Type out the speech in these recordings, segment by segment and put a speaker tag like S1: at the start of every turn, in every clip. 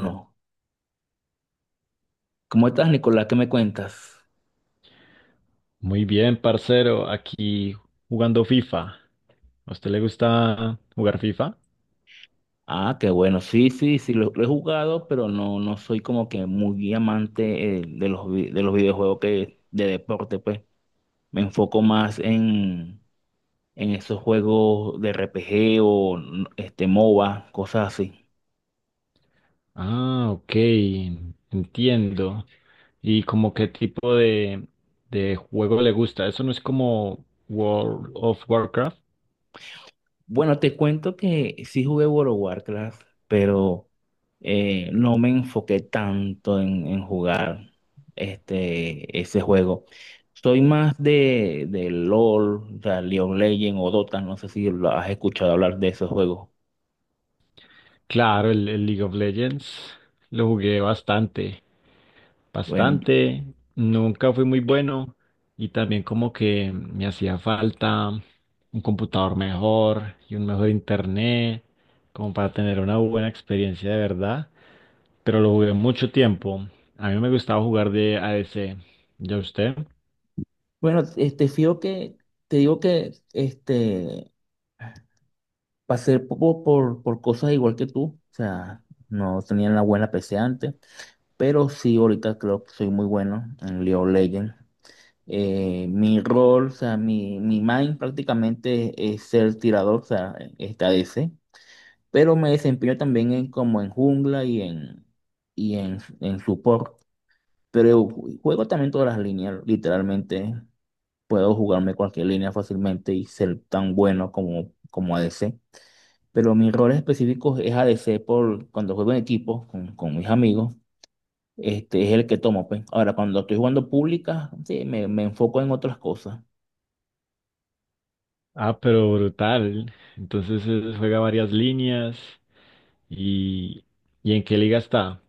S1: No. ¿Cómo estás, Nicolás? ¿Qué me cuentas?
S2: Muy bien, parcero, aquí jugando FIFA. ¿A usted le gusta jugar FIFA?
S1: Ah, qué bueno. Sí, sí, sí, lo he jugado, pero no, no soy como que muy amante de los videojuegos que, de deporte, pues. Me enfoco más en esos juegos de RPG o MOBA, cosas así.
S2: Ah, ok, entiendo. ¿Y como qué tipo de juego le gusta? ¿Eso no es como World of Warcraft?
S1: Bueno, te cuento que sí jugué World of Warcraft, pero no me enfoqué tanto en jugar ese juego. Soy más de LOL, o sea, League of Legends o Dota, no sé si lo has escuchado hablar de esos juegos.
S2: Claro, el League of Legends lo jugué bastante,
S1: Bueno, y-
S2: bastante. Nunca fui muy bueno y también como que me hacía falta un computador mejor y un mejor internet, como para tener una buena experiencia de verdad. Pero lo jugué mucho tiempo. A mí me gustaba jugar de ADC. ¿Ya usted?
S1: bueno, fijo que, te digo que pasé por cosas igual que tú, o sea, no tenía la buena PC antes. Pero sí, ahorita creo que soy muy bueno en League of Legends. Mi rol, o sea, mi main prácticamente es ser tirador, o sea, esta ADC, pero me desempeño también como en jungla y en support. Pero juego también todas las líneas, literalmente puedo jugarme cualquier línea fácilmente y ser tan bueno como ADC. Pero mi rol específico es ADC por cuando juego en equipo con mis amigos, este es el que tomo, pues. Ahora, cuando estoy jugando públicas, sí, me enfoco en otras cosas.
S2: Ah, pero brutal. Entonces juega varias líneas y, ¿y en qué liga está?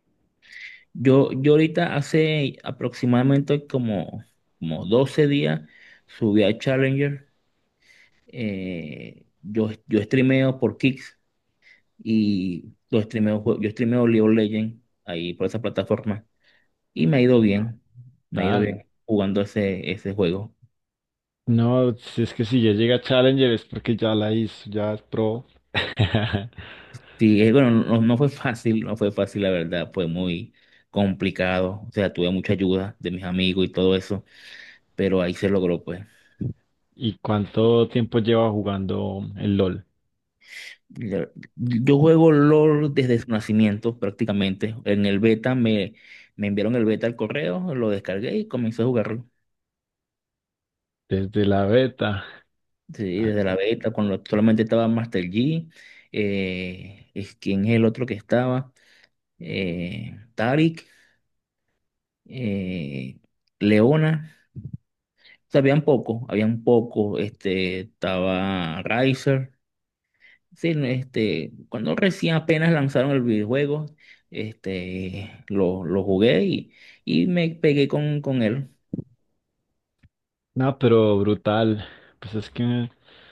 S1: Yo ahorita hace aproximadamente como 12 días subí a Challenger. Yo streameo por Kicks y lo streameo, yo streameo League of Legends ahí por esa plataforma. Y me ha ido
S2: Ah,
S1: bien, me ha ido
S2: tal.
S1: bien jugando ese juego.
S2: No, si es que si ya llega Challenger es porque ya la hizo, ya es pro.
S1: Sí, bueno, no, no fue fácil, no fue fácil la verdad, fue muy complicado. O sea, tuve mucha ayuda de mis amigos y todo eso, pero ahí se logró pues.
S2: ¿Y cuánto tiempo lleva jugando el LOL?
S1: Ya, yo juego LOL desde su nacimiento prácticamente. En el beta me enviaron el beta al correo, lo descargué y comencé a jugarlo.
S2: Desde la beta.
S1: Sí,
S2: Ay,
S1: desde la beta, cuando solamente estaba Master Yi, ¿quién es el otro que estaba? Tarik, eh, Leona. O sea, habían poco, habían poco. Estaba Riser. Sí, no, cuando recién apenas lanzaron el videojuego, lo jugué y me pegué con él.
S2: no, pero brutal. Pues es que el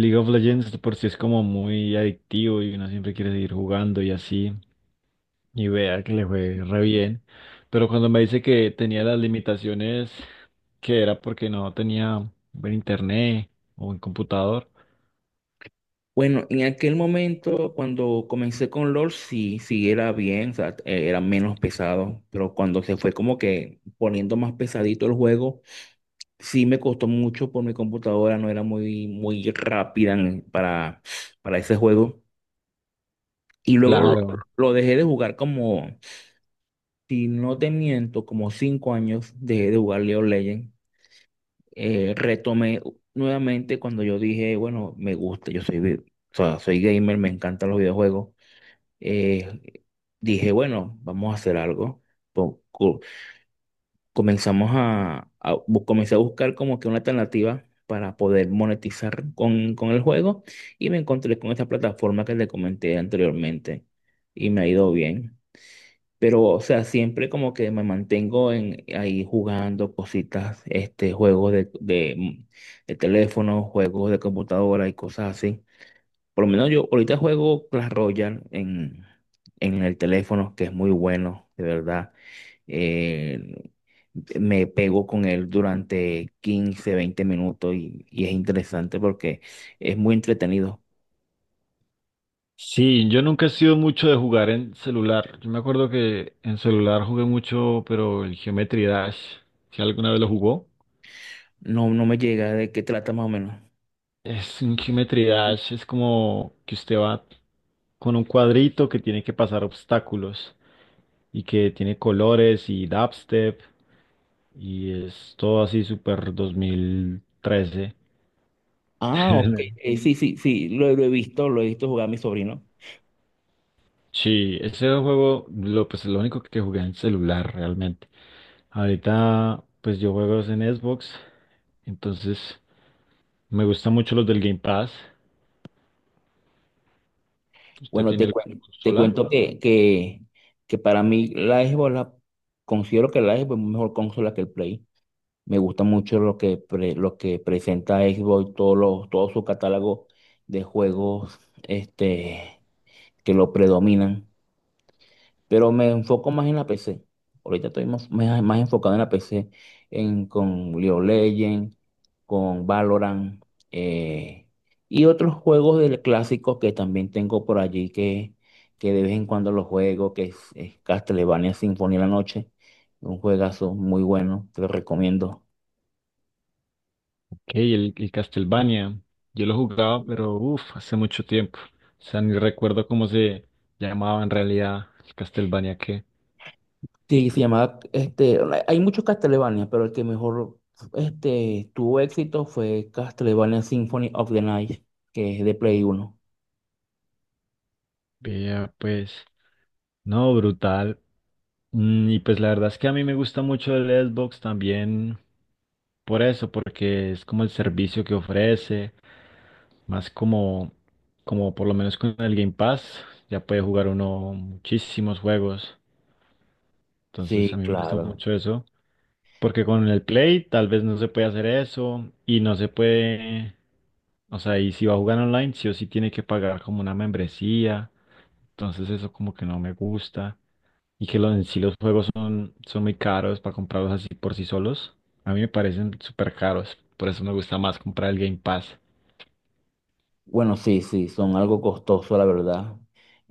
S2: League of Legends de por sí es como muy adictivo y uno siempre quiere seguir jugando y así. Y vea que le fue re bien. Pero cuando me dice que tenía las limitaciones, que era porque no tenía buen internet o buen computador.
S1: Bueno, en aquel momento, cuando comencé con LoL, sí, sí era bien, o sea, era menos pesado, pero cuando se fue como que poniendo más pesadito el juego, sí me costó mucho por mi computadora, no era muy, muy rápida para ese juego. Y luego lo
S2: Claro.
S1: lo dejé de jugar como, si no te miento, como 5 años dejé de jugar League of Legends. Retomé nuevamente cuando yo dije, bueno, me gusta, o sea, soy gamer, me encantan los videojuegos. Eh, Dije, bueno, vamos a hacer algo. Po- co- Comenzamos a bu- Comencé a buscar como que una alternativa para poder monetizar con el juego y me encontré con esta plataforma que le comenté anteriormente y me ha ido bien. Pero, o sea, siempre como que me mantengo ahí jugando cositas, juegos de teléfono, juegos de computadora y cosas así. Por lo menos yo ahorita juego Clash Royale en el teléfono, que es muy bueno, de verdad. Eh, Me pego con él durante 15 20 minutos y es interesante porque es muy entretenido.
S2: Sí, yo nunca he sido mucho de jugar en celular. Yo me acuerdo que en celular jugué mucho, pero el Geometry Dash, si alguna vez lo jugó,
S1: No, no me llega de qué trata más o menos.
S2: es un Geometry Dash, es como que usted va con un cuadrito que tiene que pasar obstáculos y que tiene colores y dubstep y es todo así súper 2013.
S1: Ah, ok. Sí, sí, sí, lo he visto, lo he visto jugar a mi sobrino.
S2: Sí, ese juego, pues lo único que jugué en celular realmente. Ahorita, pues yo juego es en Xbox, entonces. Me gustan mucho los del Game Pass. ¿Usted
S1: Bueno,
S2: tiene
S1: te
S2: alguna
S1: cuento, te
S2: consola?
S1: cuento que para mí la Xbox, considero que la Xbox es mejor consola que el Play. Me gusta mucho lo que presenta Xbox, todo su catálogo de juegos este, que lo predominan. Pero me enfoco más en la PC. Ahorita estoy más enfocado en la PC, con League of Legends, con Valorant eh, y otros juegos del clásicos que también tengo por allí que de vez en cuando los juego, que es Castlevania Sinfonía de la Noche, un juegazo muy bueno, te lo recomiendo.
S2: Ok, el Castlevania. Yo lo jugaba, pero uff, hace mucho tiempo. O sea, ni recuerdo cómo se llamaba en realidad el Castlevania que
S1: Sí, se llamaba, hay muchos Castlevania, pero el que mejor tuvo éxito fue Castlevania Symphony of the Night, que es de Play 1.
S2: veía, pues. No, brutal. Y pues la verdad es que a mí me gusta mucho el Xbox también por eso, porque es como el servicio que ofrece, más como, como por lo menos con el Game Pass, ya puede jugar uno muchísimos juegos. Entonces a
S1: Sí,
S2: mí me gusta
S1: claro.
S2: mucho eso. Porque con el Play tal vez no se puede hacer eso y no se puede, o sea, y si va a jugar online, sí o sí tiene que pagar como una membresía. Entonces eso como que no me gusta. Y que lo- en sí los juegos son, son muy caros para comprarlos así por sí solos. A mí me parecen súper caros. Por eso me gusta más comprar el Game Pass.
S1: Bueno, sí, sí, son algo costoso, la verdad.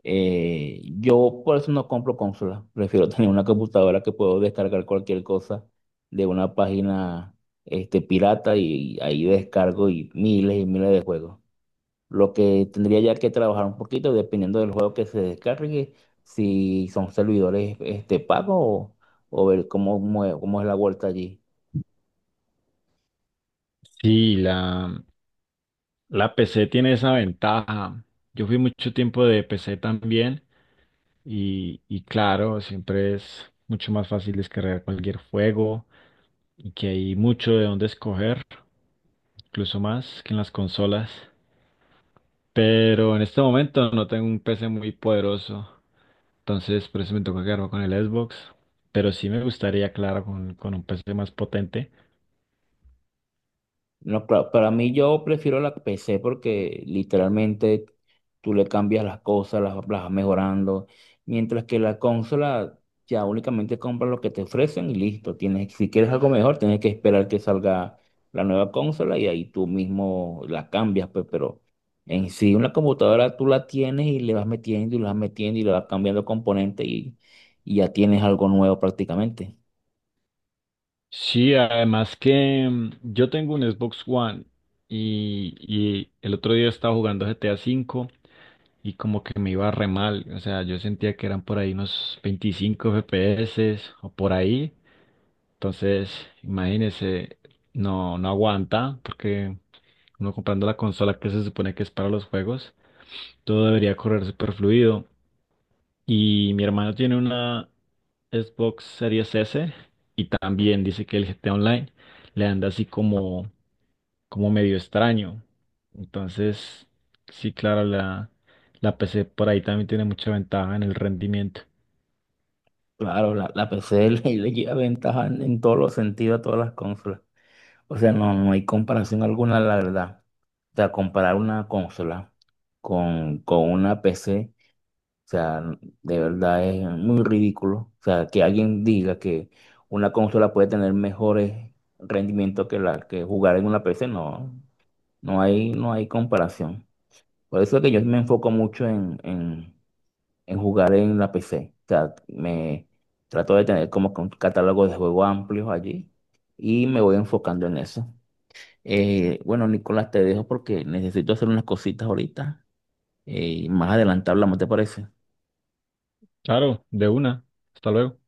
S1: Yo por eso no compro consolas. Prefiero tener una computadora que puedo descargar cualquier cosa de una página pirata y ahí descargo y miles de juegos. Lo que tendría ya que trabajar un poquito dependiendo del juego que se descargue, si son servidores pagos o ver cómo es la vuelta allí.
S2: Sí, la PC tiene esa ventaja. Yo fui mucho tiempo de PC también y claro, siempre es mucho más fácil descargar cualquier juego, y que hay mucho de dónde escoger, incluso más que en las consolas. Pero en este momento no tengo un PC muy poderoso, entonces por eso me toca quedarme con el Xbox. Pero sí me gustaría, claro, con un PC más potente.
S1: No, claro, para mí yo prefiero la PC porque literalmente tú le cambias las cosas, las vas mejorando, mientras que la consola ya únicamente compras lo que te ofrecen y listo. Tienes, si quieres algo mejor, tienes que esperar que salga la nueva consola y ahí tú mismo la cambias, pues, pero en sí una computadora tú la tienes y le vas metiendo y le vas metiendo y le vas cambiando componentes y ya tienes algo nuevo prácticamente.
S2: Sí, además que yo tengo un Xbox One y el otro día estaba jugando GTA V y como que me iba re mal. O sea, yo sentía que eran por ahí unos 25 FPS o por ahí. Entonces, imagínese, no aguanta, porque uno comprando la consola que se supone que es para los juegos, todo debería correr super fluido. Y mi hermano tiene una Xbox Series S y también dice que el GTA Online le anda así como, como medio extraño. Entonces, sí, claro, la PC por ahí también tiene mucha ventaja en el rendimiento.
S1: Claro, la PC le lleva ventaja en todos los sentidos a todas las consolas. O sea, no, no hay comparación alguna, la verdad. O sea, comparar una consola con una PC, o sea, de verdad es muy ridículo. O sea, que alguien diga que una consola puede tener mejores rendimientos que la que jugar en una PC, no, no hay, no hay comparación. Por eso es que yo me enfoco mucho en jugar en la PC. O sea, me trato de tener como que un catálogo de juegos amplios allí y me voy enfocando en eso. Bueno, Nicolás, te dejo porque necesito hacer unas cositas ahorita y más adelante hablamos, ¿te parece?
S2: Claro, de una. Hasta luego.